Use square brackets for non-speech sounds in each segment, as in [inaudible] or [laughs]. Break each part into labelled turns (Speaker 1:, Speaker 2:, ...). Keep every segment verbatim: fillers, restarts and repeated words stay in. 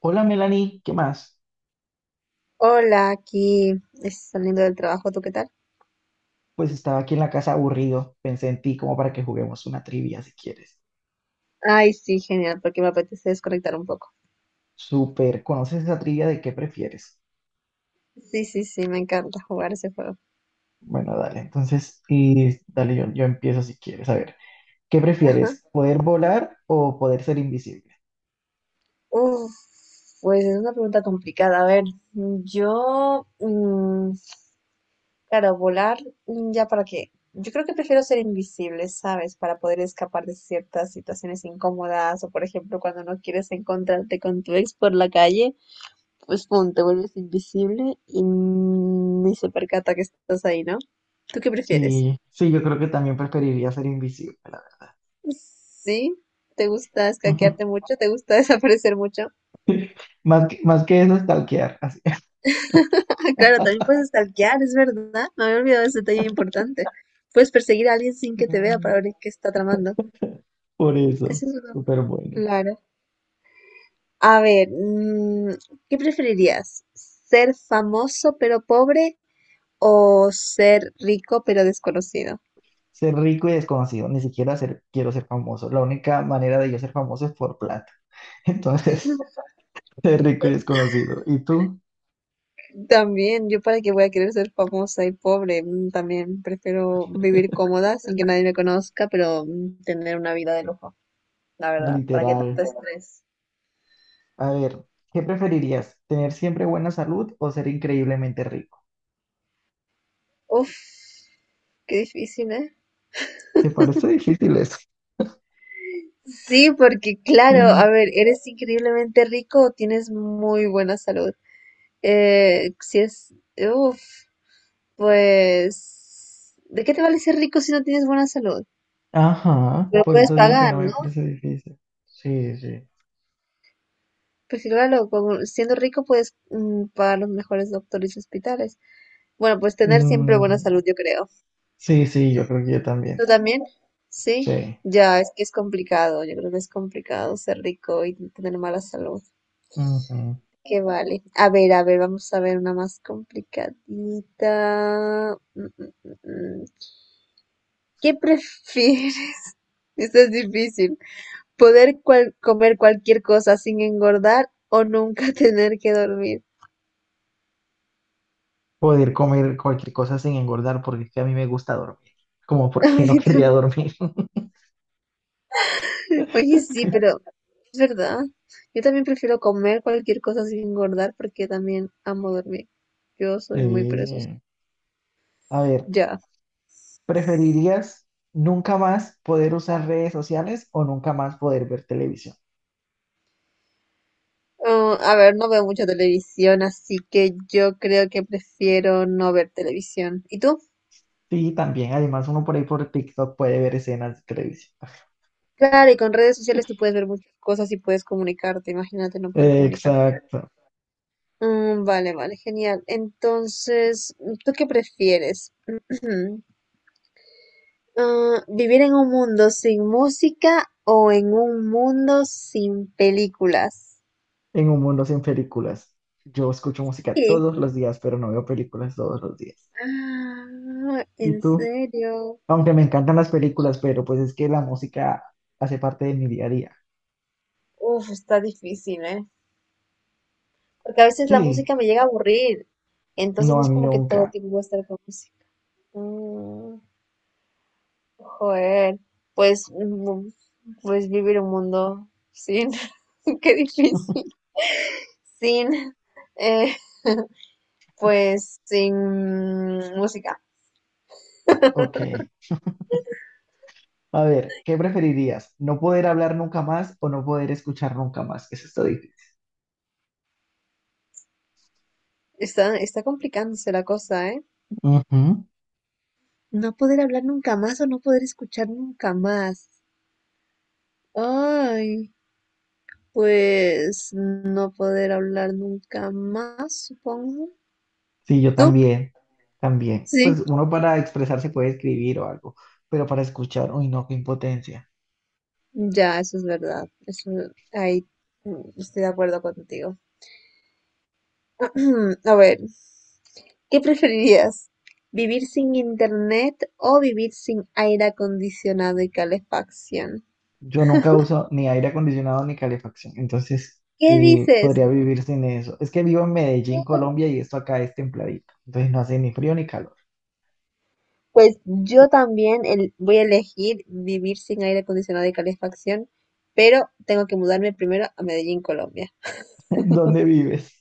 Speaker 1: Hola, Melanie, ¿qué más?
Speaker 2: Hola, aquí es- saliendo del trabajo, ¿tú qué tal?
Speaker 1: Pues estaba aquí en la casa aburrido, pensé en ti como para que juguemos una trivia si quieres.
Speaker 2: Ay, sí, genial, porque me apetece desconectar un poco.
Speaker 1: Súper, ¿conoces esa trivia de qué prefieres?
Speaker 2: Sí, sí, sí, me encanta jugar ese juego.
Speaker 1: Bueno, dale, entonces, y dale, yo, yo empiezo si quieres. A ver, ¿qué
Speaker 2: Ajá.
Speaker 1: prefieres? ¿Poder volar o poder ser invisible?
Speaker 2: Uf, pues es una pregunta complicada. A ver, yo, mm, claro, volar, mm, ¿ya para qué? Yo creo que prefiero ser invisible, ¿sabes? Para poder escapar de ciertas situaciones incómodas o, por ejemplo, cuando no quieres encontrarte con tu ex por la calle. Pues pum, te vuelves invisible y ni se percata que estás ahí, ¿no? ¿Tú qué prefieres?
Speaker 1: Sí, sí, yo creo que también preferiría ser invisible, la
Speaker 2: ¿Sí? ¿Te gusta
Speaker 1: verdad.
Speaker 2: escaquearte
Speaker 1: [laughs]
Speaker 2: mucho? ¿Te gusta [laughs] desaparecer mucho? [laughs]
Speaker 1: Más que, más que eso, stalkear, así.
Speaker 2: Ah, claro, también
Speaker 1: [laughs]
Speaker 2: puedes stalkear, es verdad. Me había olvidado ese detalle importante. Puedes perseguir a alguien sin que te vea para ver qué está tramando.
Speaker 1: Por eso,
Speaker 2: Eso es verdad.
Speaker 1: súper bueno.
Speaker 2: Claro. A ver, mm, ¿qué preferirías? ¿Ser famoso pero pobre o ser rico pero desconocido?
Speaker 1: Ser rico y desconocido, ni siquiera ser, quiero ser famoso. La única manera de yo ser famoso es por plata. [laughs] Entonces, ser rico y desconocido. ¿Y tú?
Speaker 2: También, yo para qué voy a querer ser famosa y pobre, mm, también prefiero vivir cómoda sin que nadie me conozca, pero mm, tener una vida de lujo, la verdad, para qué
Speaker 1: Literal.
Speaker 2: tanto estrés.
Speaker 1: A ver, ¿qué preferirías? ¿Tener siempre buena salud o ser increíblemente rico?
Speaker 2: Uf, qué difícil, ¿eh?
Speaker 1: ¿Te parece difícil eso? [laughs]
Speaker 2: Sí, porque claro,
Speaker 1: Mm.
Speaker 2: a ver, eres increíblemente rico o tienes muy buena salud. Eh, si es, uf, pues, ¿de qué te vale ser rico si no tienes buena salud?
Speaker 1: Ajá,
Speaker 2: Te lo
Speaker 1: por
Speaker 2: puedes
Speaker 1: eso digo que
Speaker 2: pagar,
Speaker 1: no me
Speaker 2: ¿no?
Speaker 1: parece difícil. Sí, sí.
Speaker 2: Pues sí, claro, como siendo rico puedes mm, pagar los mejores doctores y hospitales. Bueno, pues tener siempre buena
Speaker 1: Mm,
Speaker 2: salud, yo creo.
Speaker 1: sí, sí, yo creo que yo también.
Speaker 2: ¿Tú también? Sí,
Speaker 1: Sí.
Speaker 2: ya, es que es complicado, yo creo que es complicado ser rico y tener mala salud.
Speaker 1: Ujú.
Speaker 2: Que vale. A ver, a ver, vamos a ver una más complicadita. Mm, mm, mm, mm. ¿Qué prefieres? [laughs] Esto es difícil. ¿Poder cual- comer cualquier cosa sin engordar o nunca [laughs] tener que dormir?
Speaker 1: Poder comer cualquier cosa sin engordar porque es que a mí me gusta dormir. Como
Speaker 2: [laughs] A
Speaker 1: porque
Speaker 2: mí
Speaker 1: no querría
Speaker 2: también.
Speaker 1: dormir.
Speaker 2: Oye, sí, pero es verdad. Yo también prefiero comer cualquier cosa sin engordar porque también amo dormir. Yo soy muy perezosa.
Speaker 1: Eh, a ver,
Speaker 2: Ya.
Speaker 1: ¿preferirías nunca más poder usar redes sociales o nunca más poder ver televisión?
Speaker 2: Ah, a ver, no veo mucha televisión, así que yo creo que prefiero no ver televisión. ¿Y tú?
Speaker 1: Sí, también, además uno por ahí por TikTok puede ver escenas de televisión.
Speaker 2: Claro, y con redes sociales tú puedes ver muchas cosas y puedes comunicarte. Imagínate no poder comunicarte.
Speaker 1: Exacto,
Speaker 2: Mm, vale, vale, genial. Entonces, ¿tú qué prefieres? [clears throat] Ah, vivir en un mundo sin música o en un mundo sin películas.
Speaker 1: en un mundo sin películas. Yo escucho música
Speaker 2: Sí.
Speaker 1: todos los días, pero no veo películas todos los días.
Speaker 2: Ah,
Speaker 1: ¿Y
Speaker 2: en
Speaker 1: tú?
Speaker 2: serio.
Speaker 1: Aunque me encantan las películas, pero pues es que la música hace parte de mi día a día.
Speaker 2: Uf, está difícil, ¿eh? Porque a veces la
Speaker 1: Sí,
Speaker 2: música me llega a aburrir. Entonces
Speaker 1: no,
Speaker 2: no
Speaker 1: a
Speaker 2: es
Speaker 1: mí
Speaker 2: como que todo
Speaker 1: nunca.
Speaker 2: tiempo voy a estar con música. Mm, joder. Pues, mm, pues vivir un mundo sin. [laughs] Qué difícil.
Speaker 1: [laughs]
Speaker 2: Sin. eh, pues sin música.
Speaker 1: Ok. A ver, ¿qué preferirías? ¿No poder hablar nunca más o no poder escuchar nunca más? Eso está difícil.
Speaker 2: Está, está complicándose la cosa, ¿eh?
Speaker 1: Ujú.
Speaker 2: No poder hablar nunca más o no poder escuchar nunca más. Ay, pues no poder hablar nunca más, supongo.
Speaker 1: Sí, yo
Speaker 2: ¿Tú?
Speaker 1: también, también.
Speaker 2: Sí,
Speaker 1: Pues uno para expresarse puede escribir o algo, pero para escuchar, uy, no, qué impotencia.
Speaker 2: ya, eso es verdad. Eso, ahí mm, estoy de acuerdo contigo. [clears throat] A ver, ¿qué preferirías? ¿Vivir sin internet o vivir sin aire acondicionado y calefacción?
Speaker 1: Yo nunca uso ni aire acondicionado ni calefacción, entonces
Speaker 2: ¿Qué
Speaker 1: eh,
Speaker 2: dices?
Speaker 1: podría vivir sin eso. Es que vivo en Medellín, Colombia, y esto acá es templadito, entonces no hace ni frío ni calor.
Speaker 2: Pues yo
Speaker 1: [laughs]
Speaker 2: también el- voy a elegir vivir sin aire acondicionado y calefacción, pero tengo que mudarme primero a Medellín, Colombia.
Speaker 1: ¿Dónde vives?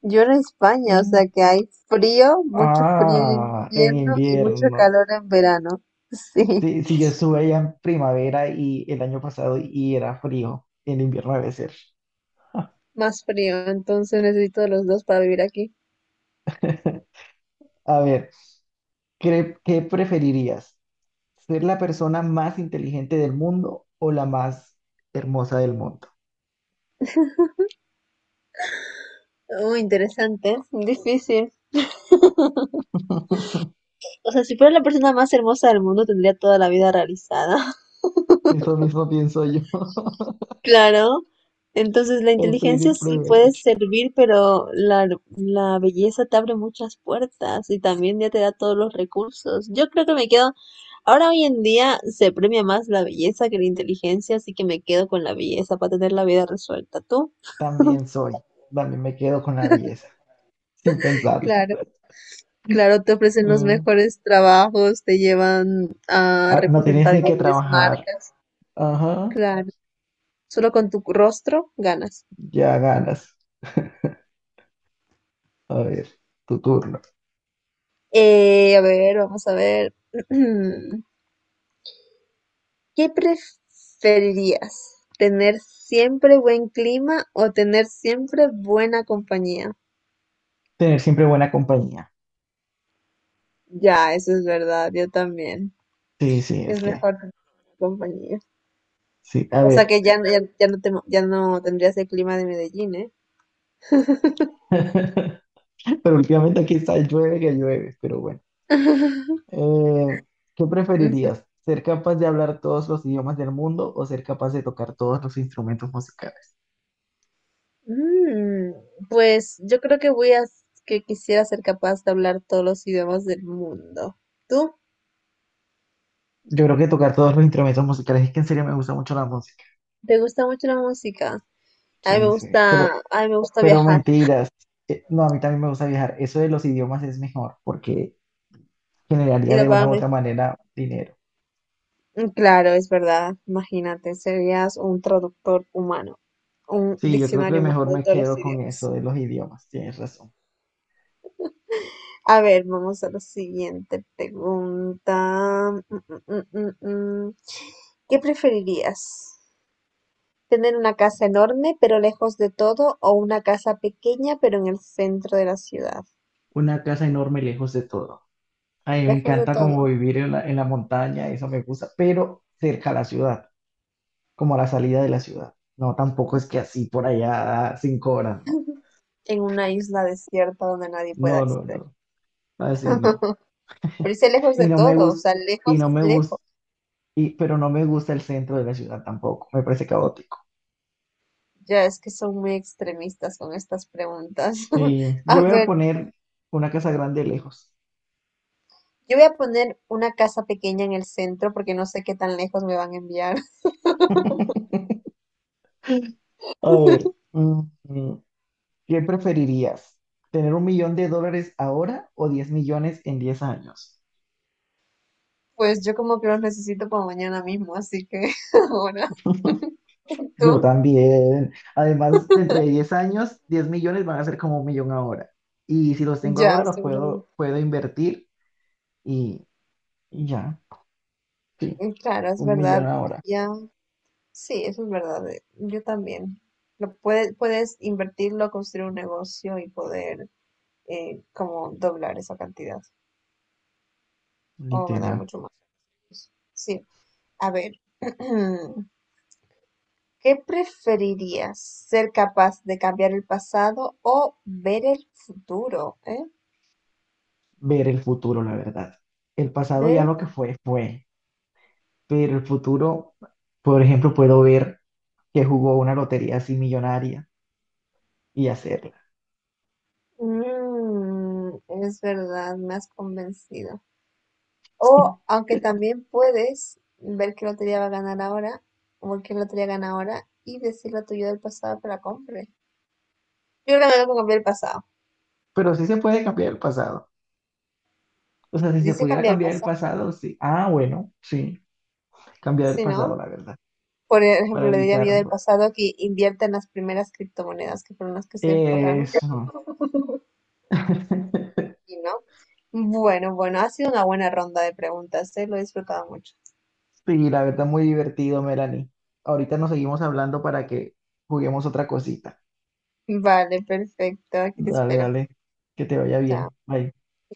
Speaker 2: Yo en España, o sea
Speaker 1: Mm.
Speaker 2: que hay frío, mucho frío en
Speaker 1: Ah, en
Speaker 2: invierno y mucho
Speaker 1: invierno.
Speaker 2: calor en verano. [laughs] Sí,
Speaker 1: Sí, sí, yo estuve allá en primavera y el año pasado y era frío. En invierno debe ser.
Speaker 2: más frío, entonces necesito de los dos para vivir aquí.
Speaker 1: [laughs] A ver, ¿qué, qué preferirías? ¿Ser la persona más inteligente del mundo o la más hermosa del mundo?
Speaker 2: Muy interesante, difícil.
Speaker 1: [laughs]
Speaker 2: O sea, si fuera la persona más hermosa del mundo, tendría toda la vida realizada.
Speaker 1: Eso mismo pienso yo. [laughs]
Speaker 2: Claro, entonces la
Speaker 1: El pretty
Speaker 2: inteligencia sí puede
Speaker 1: privilege.
Speaker 2: servir, pero la, la belleza te abre muchas puertas y también ya te da todos los recursos. Yo creo que me quedo, ahora hoy en día se premia más la belleza que la inteligencia, así que me quedo con la belleza para tener la vida resuelta. ¿Tú?
Speaker 1: También soy. También me quedo con la belleza, sin pensarlo.
Speaker 2: Claro,
Speaker 1: [laughs]
Speaker 2: claro, te ofrecen los
Speaker 1: Mm.
Speaker 2: mejores trabajos, te llevan a
Speaker 1: Ah, no tienes
Speaker 2: representar
Speaker 1: ni que
Speaker 2: grandes
Speaker 1: trabajar.
Speaker 2: marcas.
Speaker 1: Ajá,
Speaker 2: Claro, solo con tu rostro ganas.
Speaker 1: ya ganas. [laughs] A ver, tu turno.
Speaker 2: Eh, a ver, vamos a ver. [clears throat] ¿Qué preferirías, tener siempre buen clima o tener siempre buena compañía?
Speaker 1: Tener siempre buena compañía.
Speaker 2: Ya, eso es verdad, yo también.
Speaker 1: Sí, sí, es
Speaker 2: Es
Speaker 1: que,
Speaker 2: mejor tener buena compañía.
Speaker 1: sí, a
Speaker 2: O sea
Speaker 1: ver.
Speaker 2: que ya, no- ya, ya no te, ya no tendrías el clima de Medellín, ¿eh?
Speaker 1: [laughs] Pero últimamente aquí está, llueve que llueve, pero bueno. Eh, ¿qué
Speaker 2: Ujú.
Speaker 1: preferirías? ¿Ser capaz de hablar todos los idiomas del mundo o ser capaz de tocar todos los instrumentos musicales?
Speaker 2: Mm, pues yo creo que voy a que quisiera ser capaz de hablar todos los idiomas del mundo. ¿Tú?
Speaker 1: Yo creo que tocar todos los instrumentos musicales, es que en serio me gusta mucho la música.
Speaker 2: ¿Te gusta mucho la música? A mí me
Speaker 1: Sí, sí. Pero,
Speaker 2: gusta, a mí me gusta
Speaker 1: pero
Speaker 2: viajar
Speaker 1: mentiras. Eh, no, a mí también me gusta viajar. Eso de los idiomas es mejor porque
Speaker 2: y
Speaker 1: generaría
Speaker 2: lo
Speaker 1: de una u
Speaker 2: pago.
Speaker 1: otra manera dinero.
Speaker 2: Mm, Claro, es verdad. Imagínate, serías un traductor humano, un
Speaker 1: Sí, yo creo que
Speaker 2: diccionario humano
Speaker 1: mejor
Speaker 2: de
Speaker 1: me
Speaker 2: todos los
Speaker 1: quedo con
Speaker 2: idiomas.
Speaker 1: eso de los idiomas. Tienes razón.
Speaker 2: A ver, vamos a la siguiente pregunta. Mm, mm, mm, mm, mm. ¿Qué preferirías? ¿Tener una casa enorme pero lejos de todo o una casa pequeña pero en el centro de la ciudad?
Speaker 1: Una casa enorme lejos de todo. A mí me
Speaker 2: Lejos de
Speaker 1: encanta como
Speaker 2: todo,
Speaker 1: vivir en la, en la montaña, eso me gusta, pero cerca a la ciudad, como a la salida de la ciudad. No, tampoco es que así por allá cinco horas, no.
Speaker 2: en una isla desierta donde nadie pueda
Speaker 1: No, no,
Speaker 2: acceder.
Speaker 1: no. Así no.
Speaker 2: [laughs] Pero dice lejos
Speaker 1: Y
Speaker 2: de
Speaker 1: no me
Speaker 2: todo, o
Speaker 1: gusta,
Speaker 2: sea,
Speaker 1: y
Speaker 2: lejos
Speaker 1: no
Speaker 2: es
Speaker 1: me gusta,
Speaker 2: lejos.
Speaker 1: y, Pero no me gusta el centro de la ciudad tampoco. Me parece caótico.
Speaker 2: Ya es que son muy extremistas con estas preguntas. [laughs]
Speaker 1: Sí, yo
Speaker 2: A
Speaker 1: voy a
Speaker 2: ver,
Speaker 1: poner una casa grande lejos.
Speaker 2: yo voy a poner una casa pequeña en el centro porque no sé qué tan lejos me van a enviar. [laughs]
Speaker 1: [laughs] A ver, mm, mm, ¿qué preferirías? ¿Tener un millón de dólares ahora o diez millones en diez años?
Speaker 2: Pues yo como que los necesito para mañana mismo, así que [laughs] ahora [laughs]
Speaker 1: Yo
Speaker 2: tú
Speaker 1: también. Además, dentro de diez años, diez millones van a ser como un millón ahora. Y si los tengo ahora,
Speaker 2: ya,
Speaker 1: los puedo,
Speaker 2: seguramente.
Speaker 1: puedo invertir y, y ya. Sí,
Speaker 2: Eh, Claro, es
Speaker 1: un millón
Speaker 2: verdad.
Speaker 1: ahora.
Speaker 2: Ya, sí, eso es verdad. eh, Yo también. Lo puedes, puedes invertirlo, construir un negocio y poder eh, como doblar esa cantidad o ganar
Speaker 1: Literal.
Speaker 2: mucho más. Sí, a ver. [clears throat] ¿Qué preferirías? ¿Ser capaz de cambiar el pasado o ver el futuro? ¿Eh?
Speaker 1: Ver el futuro, la verdad. El pasado
Speaker 2: Ver
Speaker 1: ya
Speaker 2: el
Speaker 1: lo
Speaker 2: fu-
Speaker 1: que fue, fue. Pero el futuro, por ejemplo, puedo ver que jugó una lotería así millonaria y hacerla.
Speaker 2: mm, es verdad, me has convencido. O, aunque
Speaker 1: [laughs]
Speaker 2: también puedes ver qué lotería va a ganar ahora, o qué lotería gana ahora, y decirle a tu yo del pasado que la compre. Yo creo que me tengo que cambiar el pasado.
Speaker 1: Pero sí se puede cambiar el pasado. O sea, si se
Speaker 2: Dice
Speaker 1: pudiera
Speaker 2: cambiar el
Speaker 1: cambiar el
Speaker 2: pasado,
Speaker 1: pasado, sí. Ah, bueno, sí. Cambiar el
Speaker 2: si
Speaker 1: pasado,
Speaker 2: no.
Speaker 1: la verdad.
Speaker 2: Por
Speaker 1: Para
Speaker 2: ejemplo, le diría a mi yo del
Speaker 1: evitarlo.
Speaker 2: pasado que invierta en las primeras criptomonedas, que fueron las que se forraron.
Speaker 1: Eso. [laughs]
Speaker 2: Y no. Bueno, bueno, ha sido una buena ronda de preguntas, ¿eh? Lo he disfrutado mucho.
Speaker 1: Sí, la verdad, muy divertido, Melanie. Ahorita nos seguimos hablando para que juguemos otra cosita.
Speaker 2: Vale, perfecto. Aquí te
Speaker 1: Dale,
Speaker 2: espero.
Speaker 1: dale. Que te vaya bien.
Speaker 2: Chao.
Speaker 1: Bye.